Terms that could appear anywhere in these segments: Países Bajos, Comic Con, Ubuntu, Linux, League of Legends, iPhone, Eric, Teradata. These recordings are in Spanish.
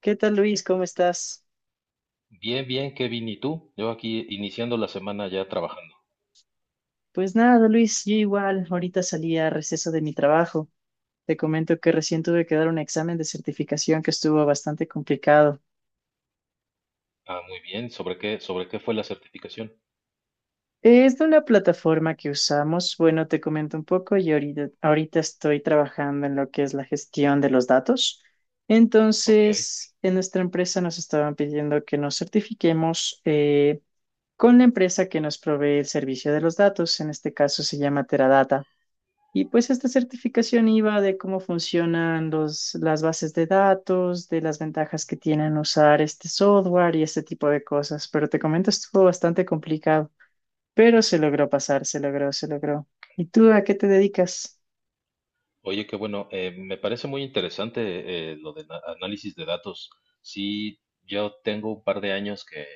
¿Qué tal, Luis? ¿Cómo estás? Bien, bien, Kevin, ¿y tú? Yo aquí iniciando la semana ya trabajando. Pues nada, Luis, yo igual. Ahorita salí a receso de mi trabajo. Te comento que recién tuve que dar un examen de certificación que estuvo bastante complicado. Ah, muy bien. Sobre qué fue la certificación? Es de una plataforma que usamos. Bueno, te comento un poco y ahorita estoy trabajando en lo que es la gestión de los datos. Ok. Entonces, en nuestra empresa nos estaban pidiendo que nos certifiquemos con la empresa que nos provee el servicio de los datos. En este caso se llama Teradata. Y pues esta certificación iba de cómo funcionan las bases de datos, de las ventajas que tienen usar este software y este tipo de cosas. Pero te comento, estuvo bastante complicado, pero se logró pasar, se logró, se logró. ¿Y tú a qué te dedicas? Oye, qué bueno. Me parece muy interesante lo de análisis de datos. Sí, yo tengo un par de años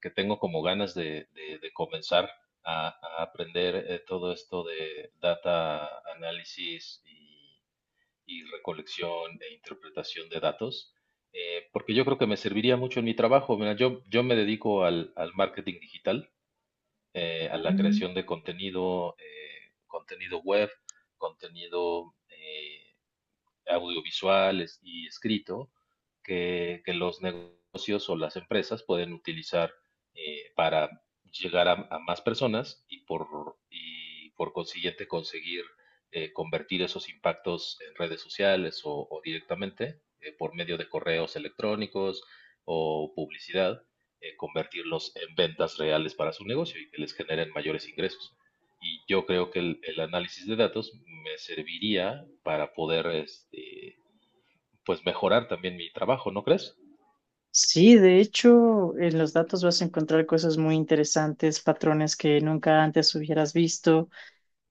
que tengo como ganas de comenzar a, a aprender todo esto de data análisis y recolección e interpretación de datos, porque yo creo que me serviría mucho en mi trabajo. Mira, yo me dedico al marketing digital, a la Mm. creación de contenido, contenido web, contenido audiovisuales y escrito que los negocios o las empresas pueden utilizar para llegar a más personas y por consiguiente conseguir convertir esos impactos en redes sociales o directamente por medio de correos electrónicos o publicidad, convertirlos en ventas reales para su negocio y que les generen mayores ingresos. Y yo creo que el análisis de datos me serviría para poder, este, pues, mejorar también mi trabajo, ¿no crees? Sí, de hecho, en los datos vas a encontrar cosas muy interesantes, patrones que nunca antes hubieras visto.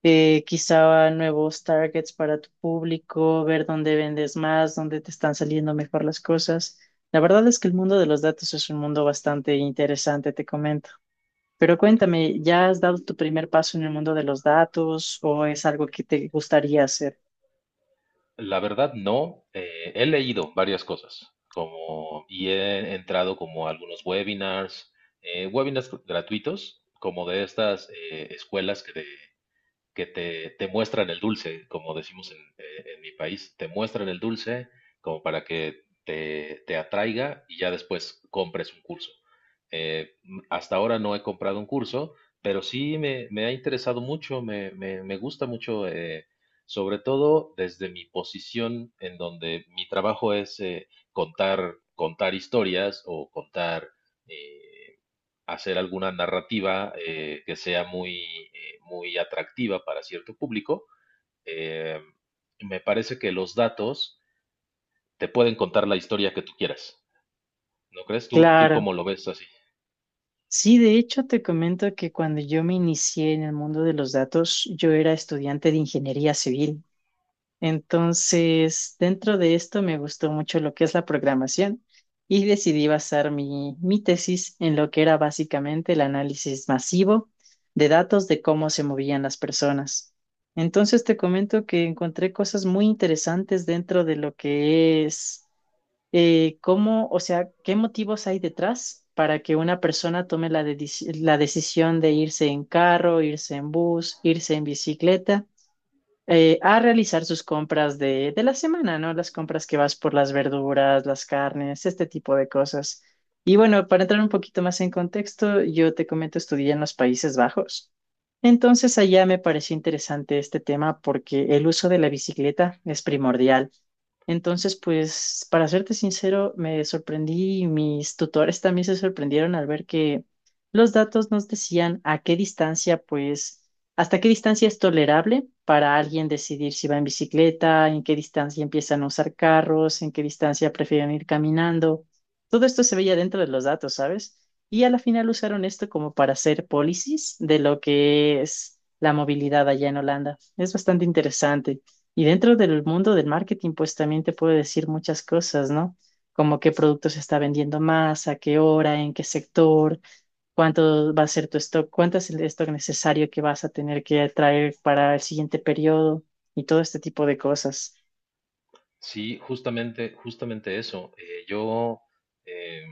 Quizá nuevos targets para tu público, ver dónde vendes más, dónde te están saliendo mejor las cosas. La verdad es que el mundo de los datos es un mundo bastante interesante, te comento. Pero cuéntame, ¿ya has dado tu primer paso en el mundo de los datos o es algo que te gustaría hacer? La verdad, no. He leído varias cosas, como, y he entrado como a algunos webinars, webinars gratuitos, como de estas escuelas que te muestran el dulce, como decimos en mi país, te muestran el dulce como para que te atraiga y ya después compres un curso. Hasta ahora no he comprado un curso, pero sí me ha interesado mucho, me gusta mucho, sobre todo desde mi posición en donde mi trabajo es contar, contar historias o contar... eh, Hacer alguna narrativa que sea muy, muy atractiva para cierto público, eh, me parece que los datos te pueden contar la historia que tú quieras. ¿No crees? ¿Tú, Claro. cómo lo ves así? Sí, de hecho te comento que cuando yo me inicié en el mundo de los datos, yo era estudiante de ingeniería civil. Entonces, dentro de esto me gustó mucho lo que es la programación y decidí basar mi tesis en lo que era básicamente el análisis masivo de datos de cómo se movían las personas. Entonces, te comento que encontré cosas muy interesantes dentro de lo que es cómo, o sea, qué motivos hay detrás para que una persona tome la decisión de irse en carro, irse en bus, irse en bicicleta a realizar sus compras de la semana, ¿no? Las compras que vas por las verduras, las carnes, este tipo de cosas. Y bueno, para entrar un poquito más en contexto, yo te comento, estudié en los Países Bajos. Entonces allá me pareció interesante este tema porque el uso de la bicicleta es primordial. Entonces, pues, para serte sincero, me sorprendí y mis tutores también se sorprendieron al ver que los datos nos decían a qué distancia, pues, ¿hasta qué distancia es tolerable para alguien decidir si va en bicicleta, en qué distancia empiezan a usar carros, en qué distancia prefieren ir caminando? Todo esto se veía dentro de los datos, ¿sabes? Y a la final usaron esto como para hacer policies de lo que es la movilidad allá en Holanda. Es bastante interesante. Y dentro del mundo del marketing, pues también te puede decir muchas cosas, ¿no? Como qué producto se está vendiendo más, a qué hora, en qué sector, cuánto va a ser tu stock, cuánto es el stock necesario que vas a tener que traer para el siguiente periodo y todo este tipo de cosas. Sí, justamente, justamente eso. Yo eh,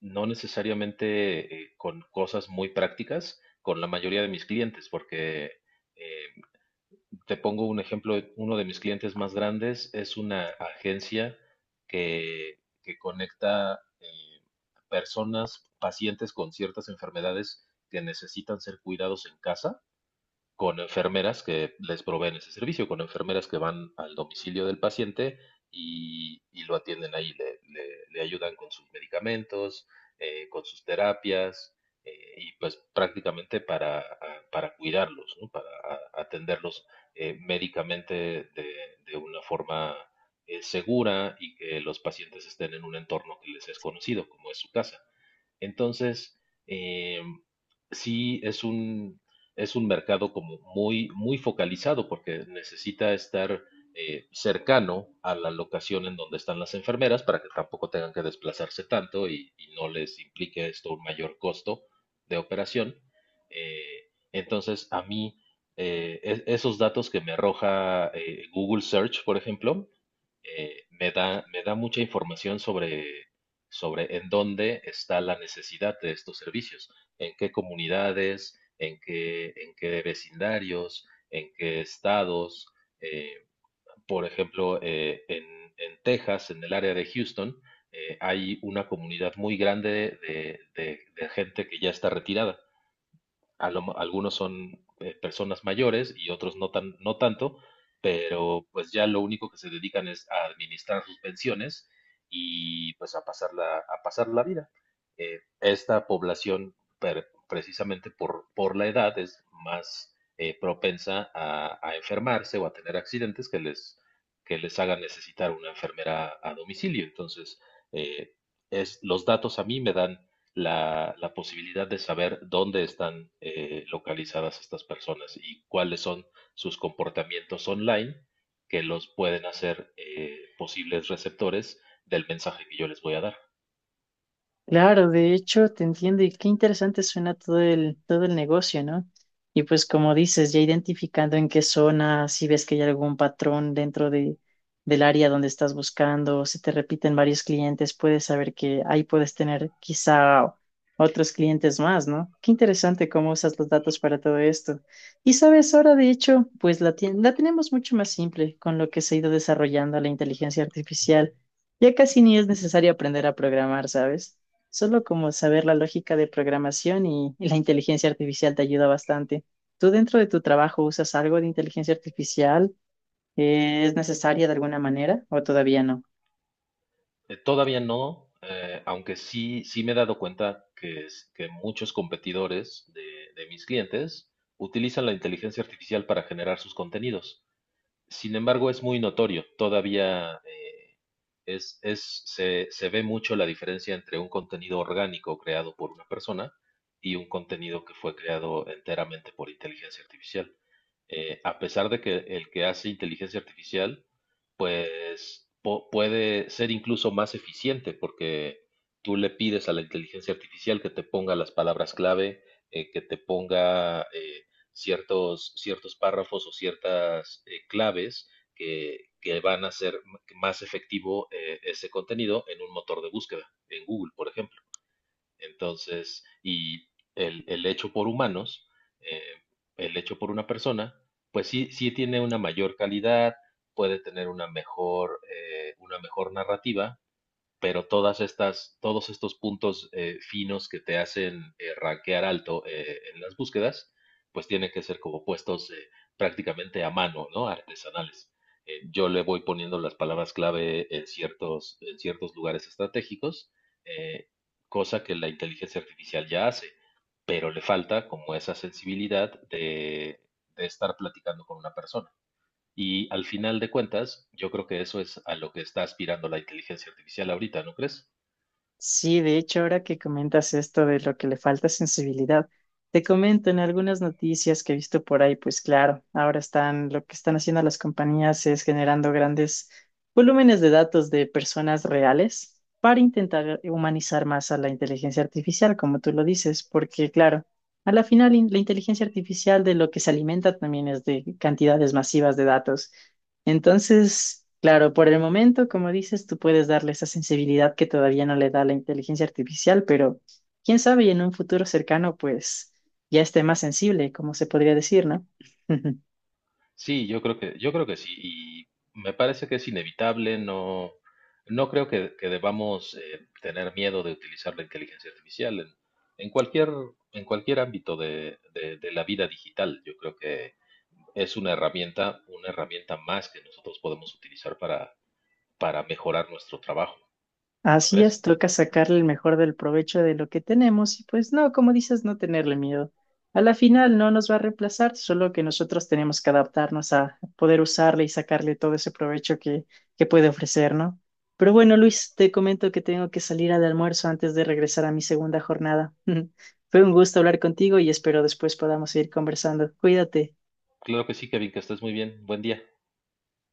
no necesariamente con cosas muy prácticas con la mayoría de mis clientes, porque eh, te pongo un ejemplo, uno de mis clientes más grandes es una agencia que conecta eh, personas, pacientes con ciertas enfermedades que necesitan ser cuidados en casa con enfermeras que les proveen ese servicio, con enfermeras que van al domicilio del paciente y lo atienden ahí, le ayudan con sus medicamentos, con sus terapias, y pues prácticamente para cuidarlos, ¿no? Para atenderlos médicamente de, de una forma segura y que los pacientes estén en un entorno que les es conocido, como es su casa. Entonces, eh, sí es es un mercado como muy, muy focalizado porque necesita estar cercano a la locación en donde están las enfermeras para que tampoco tengan que desplazarse tanto y no les implique esto un mayor costo de operación. Entonces, a mí, esos datos que me arroja Google Search, por ejemplo, me da mucha información sobre, sobre en dónde está la necesidad de estos servicios, en qué comunidades, en qué vecindarios, en qué estados. eh, por ejemplo, en Texas, en el área de Houston, hay una comunidad muy grande de, de gente que ya está retirada algunos son personas mayores y otros no tan, no tanto, pero pues ya lo único que se dedican es a administrar sus pensiones y pues a pasar a pasar la vida. Esta población, precisamente por la edad, es más propensa a enfermarse o a tener accidentes que les hagan necesitar una enfermera a domicilio. Entonces, eh, los datos a mí me dan la posibilidad de saber dónde están localizadas estas personas y cuáles son sus comportamientos online que los pueden hacer posibles receptores del mensaje que yo les voy a dar. Claro, de hecho, te entiendo y qué interesante suena todo el negocio, ¿no? Y pues como dices, ya identificando en qué zona, si ves que hay algún patrón del área donde estás buscando, si te repiten varios clientes, puedes saber que ahí puedes tener quizá otros clientes más, ¿no? Qué interesante cómo usas los datos para todo esto. Y sabes, ahora de hecho, pues la tenemos mucho más simple con lo que se ha ido desarrollando la inteligencia artificial. Ya casi ni es necesario aprender a programar, ¿sabes? Solo como saber la lógica de programación y la inteligencia artificial te ayuda bastante. ¿Tú dentro de tu trabajo usas algo de inteligencia artificial? ¿Es necesaria de alguna manera o todavía no? Todavía no, aunque sí, sí me he dado cuenta que muchos competidores de mis clientes utilizan la inteligencia artificial para generar sus contenidos. Sin embargo, es muy notorio. Todavía se ve mucho la diferencia entre un contenido orgánico creado por una persona y un contenido que fue creado enteramente por inteligencia artificial a pesar de que el que hace inteligencia artificial, pues puede ser incluso más eficiente porque tú le pides a la inteligencia artificial que te ponga las palabras clave, que te ponga ciertos, ciertos párrafos o ciertas claves que van a hacer más efectivo ese contenido en un motor de búsqueda, en Google, por ejemplo. Entonces, y el hecho por humanos, eh, el hecho por una persona, pues sí, sí tiene una mayor calidad, puede tener una mejor narrativa, pero todos estos puntos finos que te hacen rankear alto en las búsquedas, pues tienen que ser como puestos prácticamente a mano, ¿no? Artesanales. Yo le voy poniendo las palabras clave en ciertos lugares estratégicos, eh, cosa que la inteligencia artificial ya hace, pero le falta como esa sensibilidad de estar platicando con una persona. Y al final de cuentas, yo creo que eso es a lo que está aspirando la inteligencia artificial ahorita, ¿no crees? Sí, de hecho, ahora que comentas esto de lo que le falta sensibilidad, te comento en algunas noticias que he visto por ahí, pues claro, ahora están, lo que están haciendo las compañías es generando grandes volúmenes de datos de personas reales para intentar humanizar más a la inteligencia artificial, como tú lo dices, porque claro, a la final la inteligencia artificial de lo que se alimenta también es de cantidades masivas de datos. Entonces, claro, por el momento, como dices, tú puedes darle esa sensibilidad que todavía no le da la inteligencia artificial, pero quién sabe, y en un futuro cercano, pues ya esté más sensible, como se podría decir, ¿no? Sí, yo creo que sí, y me parece que es inevitable, no, no creo que debamos tener miedo de utilizar la inteligencia artificial en cualquier, en cualquier ámbito de la vida digital. Yo creo que es una herramienta más que nosotros podemos utilizar para mejorar nuestro trabajo, ¿no Así es, crees? toca sacarle el mejor del provecho de lo que tenemos y pues no, como dices, no tenerle miedo. A la final no nos va a reemplazar, solo que nosotros tenemos que adaptarnos a poder usarle y sacarle todo ese provecho que puede ofrecer, ¿no? Pero bueno, Luis, te comento que tengo que salir al almuerzo antes de regresar a mi segunda jornada. Fue un gusto hablar contigo y espero después podamos seguir conversando. Cuídate. Claro que sí, Kevin, que estés muy bien. Buen día.